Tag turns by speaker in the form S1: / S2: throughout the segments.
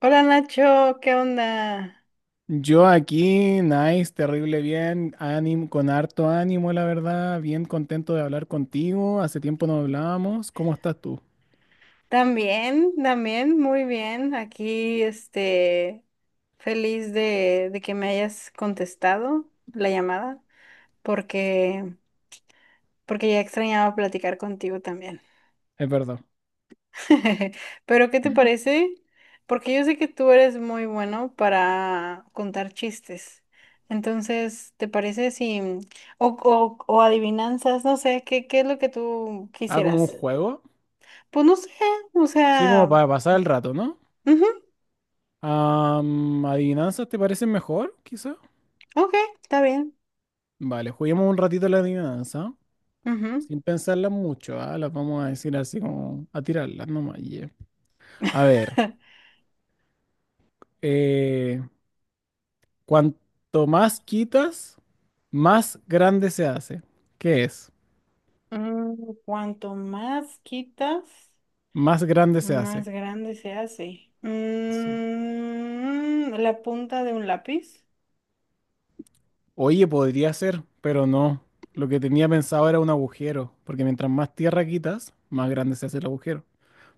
S1: Hola Nacho, ¿qué onda?
S2: Yo aquí, nice, terrible bien, ánimo, con harto ánimo, la verdad, bien contento de hablar contigo. Hace tiempo no hablábamos. ¿Cómo estás tú?
S1: También, también, muy bien. Aquí, feliz de que me hayas contestado la llamada, porque, porque ya extrañaba platicar contigo también.
S2: Es verdad.
S1: Pero, ¿qué te parece? Porque yo sé que tú eres muy bueno para contar chistes. Entonces, ¿te parece si, o adivinanzas, no sé, ¿qué, qué es lo que tú
S2: Ah, como un
S1: quisieras?
S2: juego.
S1: Pues no sé, o
S2: Sí, como
S1: sea,
S2: para pasar el rato, ¿no?
S1: ujú,
S2: ¿Adivinanzas te parecen mejor, quizá?
S1: ok, está bien.
S2: Vale, juguemos un ratito la adivinanza,
S1: Ujú.
S2: sin pensarlas mucho, ¿ah? Las vamos a decir así como a tirarlas nomás. Yeah. A ver, eh, cuanto más quitas, más grande se hace. ¿Qué es?
S1: Mm, cuanto más quitas,
S2: Más grande se
S1: más
S2: hace.
S1: grande se hace.
S2: Sí.
S1: Mm, la punta de un lápiz.
S2: Oye, podría ser, pero no. Lo que tenía pensado era un agujero, porque mientras más tierra quitas, más grande se hace el agujero.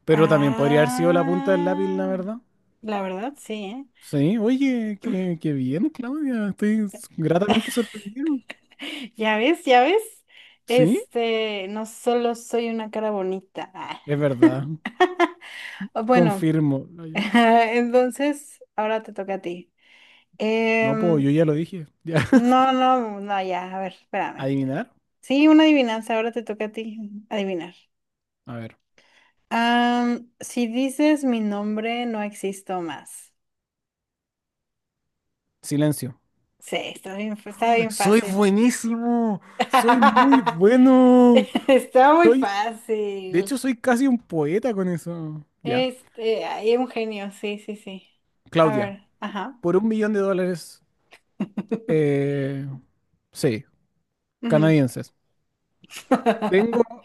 S2: Pero también podría haber sido la punta del lápiz, la
S1: Ah,
S2: verdad.
S1: la verdad, sí, ¿eh?
S2: Sí, oye, qué bien, Claudia. Estoy gratamente sorprendido.
S1: Ya ves, ya ves.
S2: Sí,
S1: Este, no solo soy una cara bonita. Ah.
S2: es verdad.
S1: Bueno,
S2: Confirmo.
S1: entonces, ahora te toca a ti.
S2: No, pues
S1: Em,
S2: yo ya lo dije. Ya.
S1: No, no, no, ya, a ver, espérame.
S2: ¿Adivinar?
S1: Sí, una adivinanza, ahora te toca a ti adivinar.
S2: A ver.
S1: Am, si dices mi nombre, no existo más.
S2: Silencio.
S1: Sí, está bien, está bien
S2: Soy
S1: fácil.
S2: buenísimo. Soy muy bueno.
S1: Está muy
S2: Soy De hecho,
S1: fácil.
S2: soy casi un poeta con eso. Ya.
S1: Este, hay un genio, sí, sí, sí. A
S2: Claudia,
S1: ver, ajá.
S2: por 1 millón de dólares, eh, sí,
S1: Ujú.
S2: canadienses. Tengo,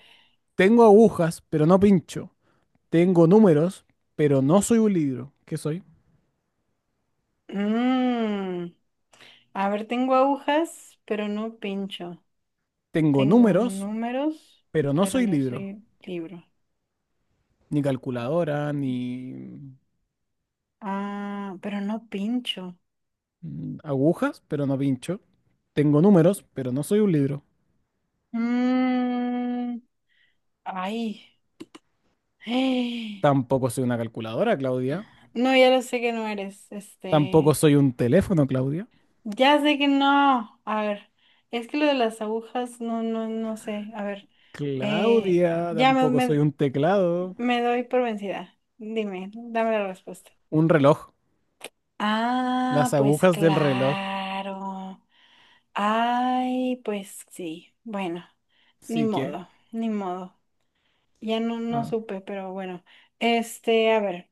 S2: tengo agujas, pero no pincho. Tengo números, pero no soy un libro. ¿Qué soy?
S1: Mm, a ver, tengo agujas, pero no pincho.
S2: Tengo
S1: Tengo
S2: números,
S1: números,
S2: pero no
S1: pero
S2: soy
S1: no
S2: libro.
S1: soy libro.
S2: Ni calculadora, ni
S1: Ah, pero no pincho.
S2: agujas, pero no pincho. Tengo números, pero no soy un libro.
S1: Mm, ay. Eh,
S2: Tampoco soy una calculadora, Claudia.
S1: No, ya lo sé que no eres.
S2: Tampoco
S1: Este.
S2: soy un teléfono, Claudia.
S1: Ya sé que no. A ver. Es que lo de las agujas, no sé. A ver. eh,
S2: Claudia,
S1: ya me,
S2: tampoco soy
S1: me,
S2: un teclado.
S1: me doy por vencida. Dime, dame la respuesta.
S2: Un reloj.
S1: Ah,
S2: Las
S1: pues
S2: agujas del reloj.
S1: claro. Ay, pues sí. Bueno, ni
S2: Sí que.
S1: modo, ni modo. Ya no, no
S2: Ah,
S1: supe, pero bueno. Este, a ver.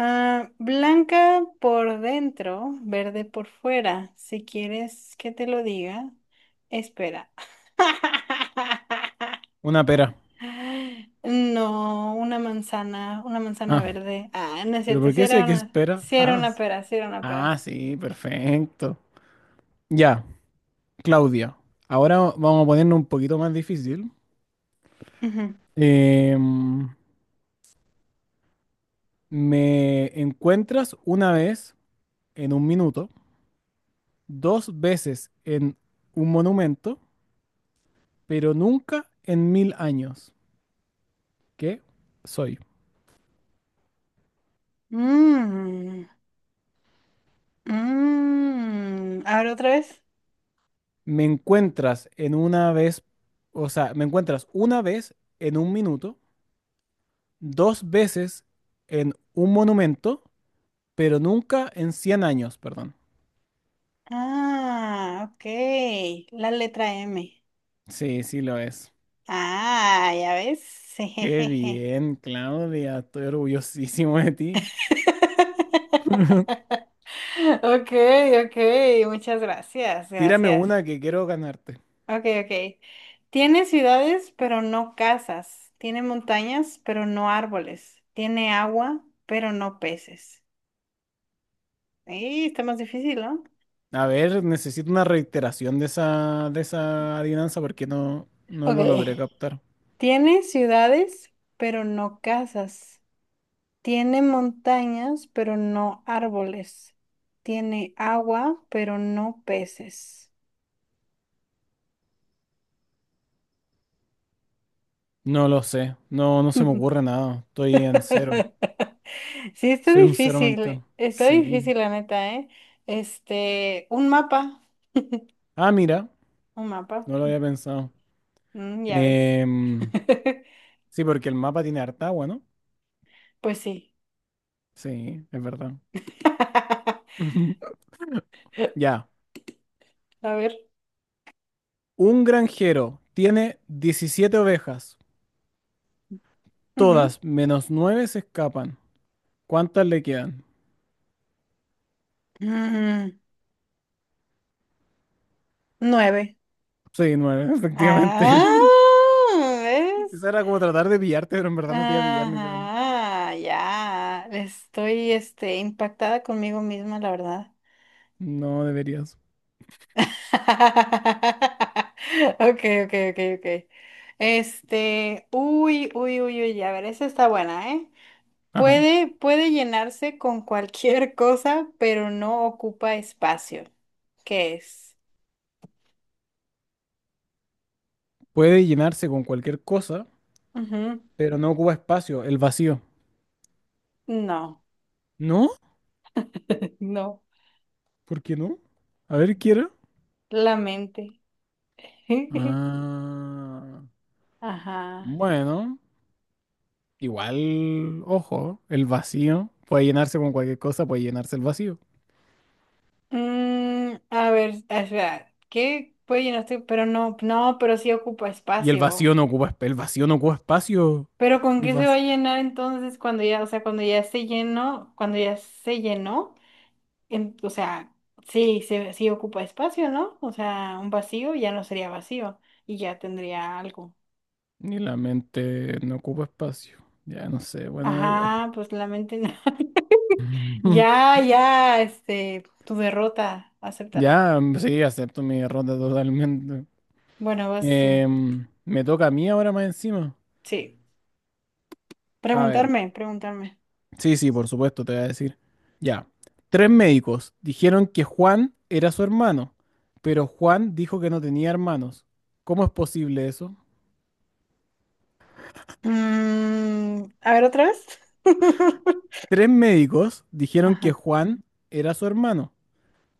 S1: Ah, blanca por dentro, verde por fuera. Si quieres que te lo diga, espera.
S2: una pera.
S1: No, una manzana
S2: Ah,
S1: verde. Ah, no es
S2: pero
S1: cierto,
S2: ¿por
S1: si
S2: qué si
S1: era
S2: hay que
S1: una,
S2: espera?
S1: sí era
S2: Ah,
S1: una pera, si era una pera.
S2: ah, sí, perfecto. Ya, Claudia. Ahora vamos a ponernos un poquito más difícil.
S1: Ujú.
S2: Em, Me encuentras una vez en un minuto, dos veces en un monumento, pero nunca en 1.000 años. ¿Qué soy?
S1: Mm, mm. A ver, otra vez.
S2: Me encuentras en una vez, o sea, me encuentras una vez en un minuto, dos veces en un monumento, pero nunca en 100 años, perdón.
S1: Ah, ok. La letra M.
S2: Sí, sí lo es.
S1: Ah, ya ves.
S2: Qué bien, Claudia, estoy orgullosísimo de ti.
S1: Okay, okay, muchas gracias,
S2: Tírame
S1: gracias.
S2: una que quiero ganarte.
S1: Okay, okay. Tiene ciudades, pero no casas. Tiene montañas, pero no árboles. Tiene agua, pero no peces. Ahí está más difícil, ¿no?
S2: A ver, necesito una reiteración de esa adivinanza porque no lo
S1: Okay.
S2: logré captar.
S1: Tiene ciudades, pero no casas. Tiene montañas, pero no árboles. Tiene agua, pero no peces.
S2: No lo sé, no se me ocurre nada, estoy en cero,
S1: Sí,
S2: soy un cero mental.
S1: está
S2: Sí.
S1: difícil la neta, ¿eh? Este,
S2: Ah, mira,
S1: un mapa,
S2: no lo había pensado.
S1: mm, ya ves.
S2: Em, sí, porque el mapa tiene harta agua, ¿no?
S1: Pues sí.
S2: Sí, es verdad. Ya.
S1: A ver.
S2: Un granjero tiene 17 ovejas.
S1: Ujú.
S2: Todas menos 9 se escapan. ¿Cuántas le quedan?
S1: Mm, nueve.
S2: Sí, nueve, efectivamente.
S1: Ah, ¿ves?
S2: Esa era como tratar de pillarte, pero en verdad no te iba a pillar ni cagando.
S1: Ajá, ya. Estoy, este, impactada conmigo misma, la verdad.
S2: No deberías.
S1: Okay, okay, okay, okay. Este, uy, uy, uy, uy, a ver, esa está buena, ¿eh?
S2: Ajá.
S1: Puede llenarse con cualquier cosa, pero no ocupa espacio. ¿Qué es?
S2: Puede llenarse con cualquier cosa,
S1: Ujú.
S2: pero no ocupa espacio, el vacío.
S1: No,
S2: ¿No?
S1: no,
S2: ¿Por qué no? A ver, quiero.
S1: la mente.
S2: Ah.
S1: Ajá.
S2: Bueno, igual, ojo, el vacío puede llenarse con cualquier cosa, puede llenarse el vacío.
S1: Mm, a ver, espera, ¿qué puede llenarse? Pero no, no, pero sí ocupa
S2: Y
S1: espacio.
S2: el vacío no ocupa espacio.
S1: Pero ¿con
S2: El
S1: qué se va a
S2: vacío,
S1: llenar entonces cuando ya, o sea, cuando ya se llenó, cuando ya se llenó, o sea, sí, sí ocupa espacio, ¿no? O sea, un vacío ya no sería vacío y ya tendría algo.
S2: ni la mente no ocupa espacio. Ya no sé, bueno, da igual.
S1: Ajá, pues la mente no. Ya, ya, este, tu derrota, acéptala.
S2: Ya, sí, acepto mi derrota totalmente.
S1: Bueno, vas tú.
S2: Me toca a mí ahora más encima.
S1: Sí.
S2: A ver.
S1: Preguntarme, preguntarme.
S2: Sí, sí, por supuesto, te voy a decir. Ya. Tres médicos dijeron que Juan era su hermano, pero Juan dijo que no tenía hermanos. ¿Cómo es posible eso?
S1: Mm, a ver, otra vez.
S2: Tres médicos dijeron que
S1: Ajá.
S2: Juan era su hermano,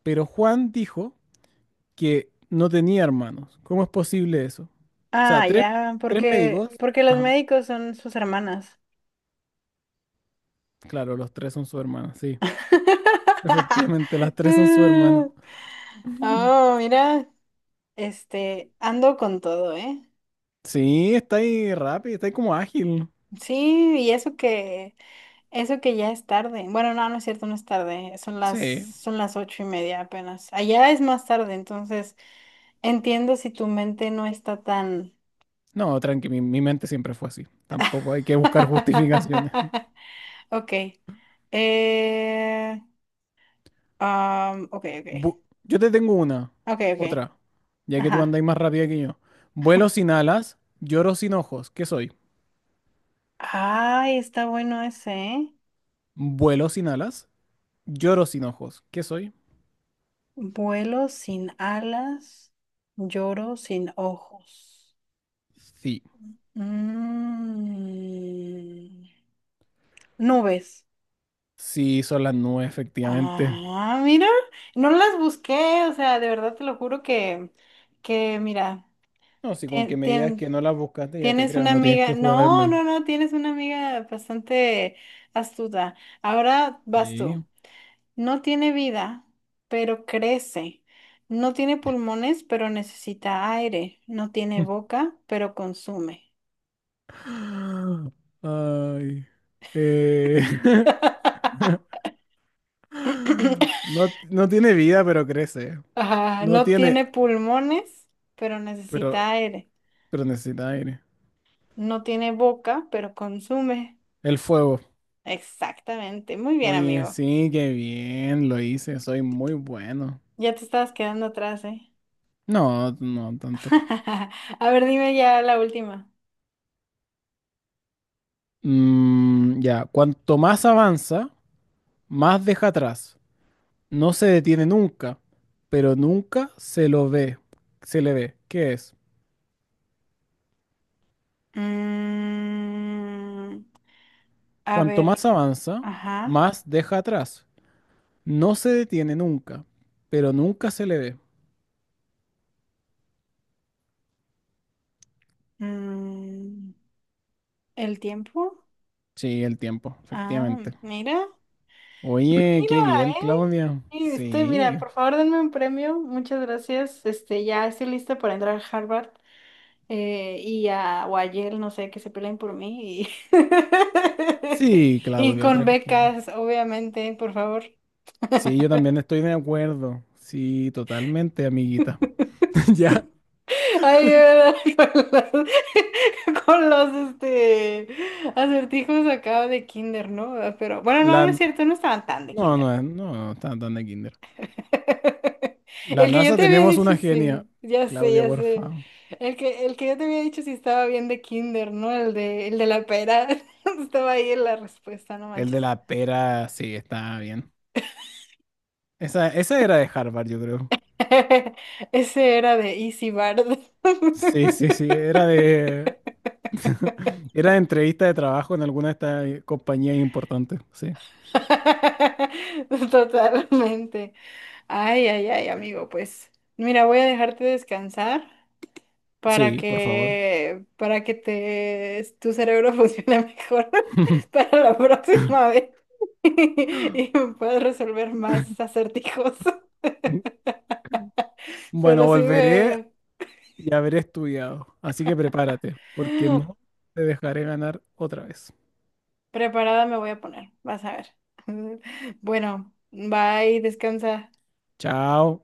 S2: pero Juan dijo que no tenía hermanos. ¿Cómo es posible eso? O sea,
S1: Ah,
S2: tres,
S1: ya,
S2: tres médicos.
S1: porque los
S2: Ajá.
S1: médicos son sus hermanas.
S2: Claro, los tres son su hermana, sí. Efectivamente, las tres son su hermana.
S1: Oh, mira, este, ando con todo, ¿eh?
S2: Sí, está ahí rápido, está ahí como ágil.
S1: Sí, y eso que ya es tarde. Bueno, no, no es cierto, no es tarde.
S2: Sí.
S1: Son las ocho y media apenas. Allá es más tarde, entonces entiendo si tu mente no está tan.
S2: No, tranqui, mi mente siempre fue así. Tampoco hay que buscar justificaciones.
S1: Ok. Eh, ok, ok.
S2: Yo te tengo una,
S1: Ok, ok.
S2: otra, ya que tú
S1: Ajá.
S2: andas más rápida que yo. Vuelo sin alas, lloro sin ojos. ¿Qué soy?
S1: Ay, está bueno ese, ¿eh?
S2: Vuelo sin alas, lloro sin ojos. ¿Qué soy?
S1: Vuelo sin alas, lloro sin ojos.
S2: Sí.
S1: Mm, nubes.
S2: Sí, son las nubes, efectivamente.
S1: Ah, mira, no las busqué, o sea, de verdad te lo juro que mira,
S2: No, si con que
S1: tien-
S2: me digas que
S1: tien-
S2: no las buscaste, ya te
S1: tienes
S2: creo,
S1: una
S2: no tienes
S1: amiga,
S2: que
S1: no,
S2: jurarme.
S1: no, no, tienes una amiga bastante astuta. Ahora vas tú.
S2: Sí.
S1: No tiene vida, pero crece. No tiene pulmones, pero necesita aire. No tiene boca, pero consume.
S2: Ay. Eh, No, no tiene vida, pero crece.
S1: Ah,
S2: No
S1: no
S2: tiene,
S1: tiene pulmones, pero
S2: pero,
S1: necesita aire.
S2: pero necesita aire.
S1: No tiene boca, pero consume.
S2: El fuego.
S1: Exactamente. Muy bien,
S2: Oye,
S1: amigo.
S2: sí, qué bien, lo hice, soy muy bueno.
S1: Ya te estabas quedando atrás, ¿eh?
S2: No, no tanto.
S1: A ver, dime ya la última.
S2: Ya, cuanto más avanza, más deja atrás. No se detiene nunca, pero nunca se lo ve, se le ve. ¿Qué es?
S1: Mm, a
S2: Cuanto
S1: ver,
S2: más avanza,
S1: ajá.
S2: más deja atrás. No se detiene nunca, pero nunca se le ve.
S1: Mm, ¿el tiempo?
S2: Sí, el tiempo,
S1: Ah,
S2: efectivamente.
S1: mira, mira,
S2: Oye, qué bien,
S1: eh.
S2: Claudia.
S1: Y estoy mira,
S2: Sí.
S1: por favor, denme un premio. Muchas gracias. Este, ya estoy lista para entrar a Harvard y o a Yale, no sé, que se peleen por mí. Y,
S2: Sí,
S1: y
S2: Claudio,
S1: con
S2: tranquilo.
S1: becas, obviamente, por favor.
S2: Sí, yo también estoy de acuerdo. Sí, totalmente, amiguita. Ya,
S1: Ayuda con con los, este, acertijos acá de kinder, ¿no? Pero bueno, no, no es
S2: la...
S1: cierto, no estaban tan de
S2: No,
S1: kinder.
S2: no, no, no, tan de kinder. La
S1: El que yo
S2: NASA
S1: te había
S2: tenemos
S1: dicho,
S2: una genia.
S1: sí, ya sé,
S2: Claudia,
S1: ya
S2: por
S1: sé.
S2: favor.
S1: El que yo te había dicho si estaba bien de kinder, ¿no? El de la pera. Estaba ahí en la respuesta, no
S2: El de
S1: manches.
S2: la pera, sí, está bien. Esa era de Harvard, yo creo.
S1: Ese era de Easy Bard.
S2: Sí, sí, sí, era de. Era de entrevista de trabajo en alguna de estas compañías importantes, sí.
S1: Totalmente. Ay, ay, ay, amigo, pues mira, voy a dejarte descansar.
S2: Sí, por favor.
S1: Para que tu cerebro funcione mejor para la próxima vez y puedas resolver más acertijos.
S2: Bueno,
S1: Pero sí
S2: volveré
S1: me...
S2: y haber estudiado. Así que prepárate, porque no te dejaré ganar otra vez.
S1: Preparada me voy a poner, vas a ver. Bueno, bye, descansa.
S2: Chao.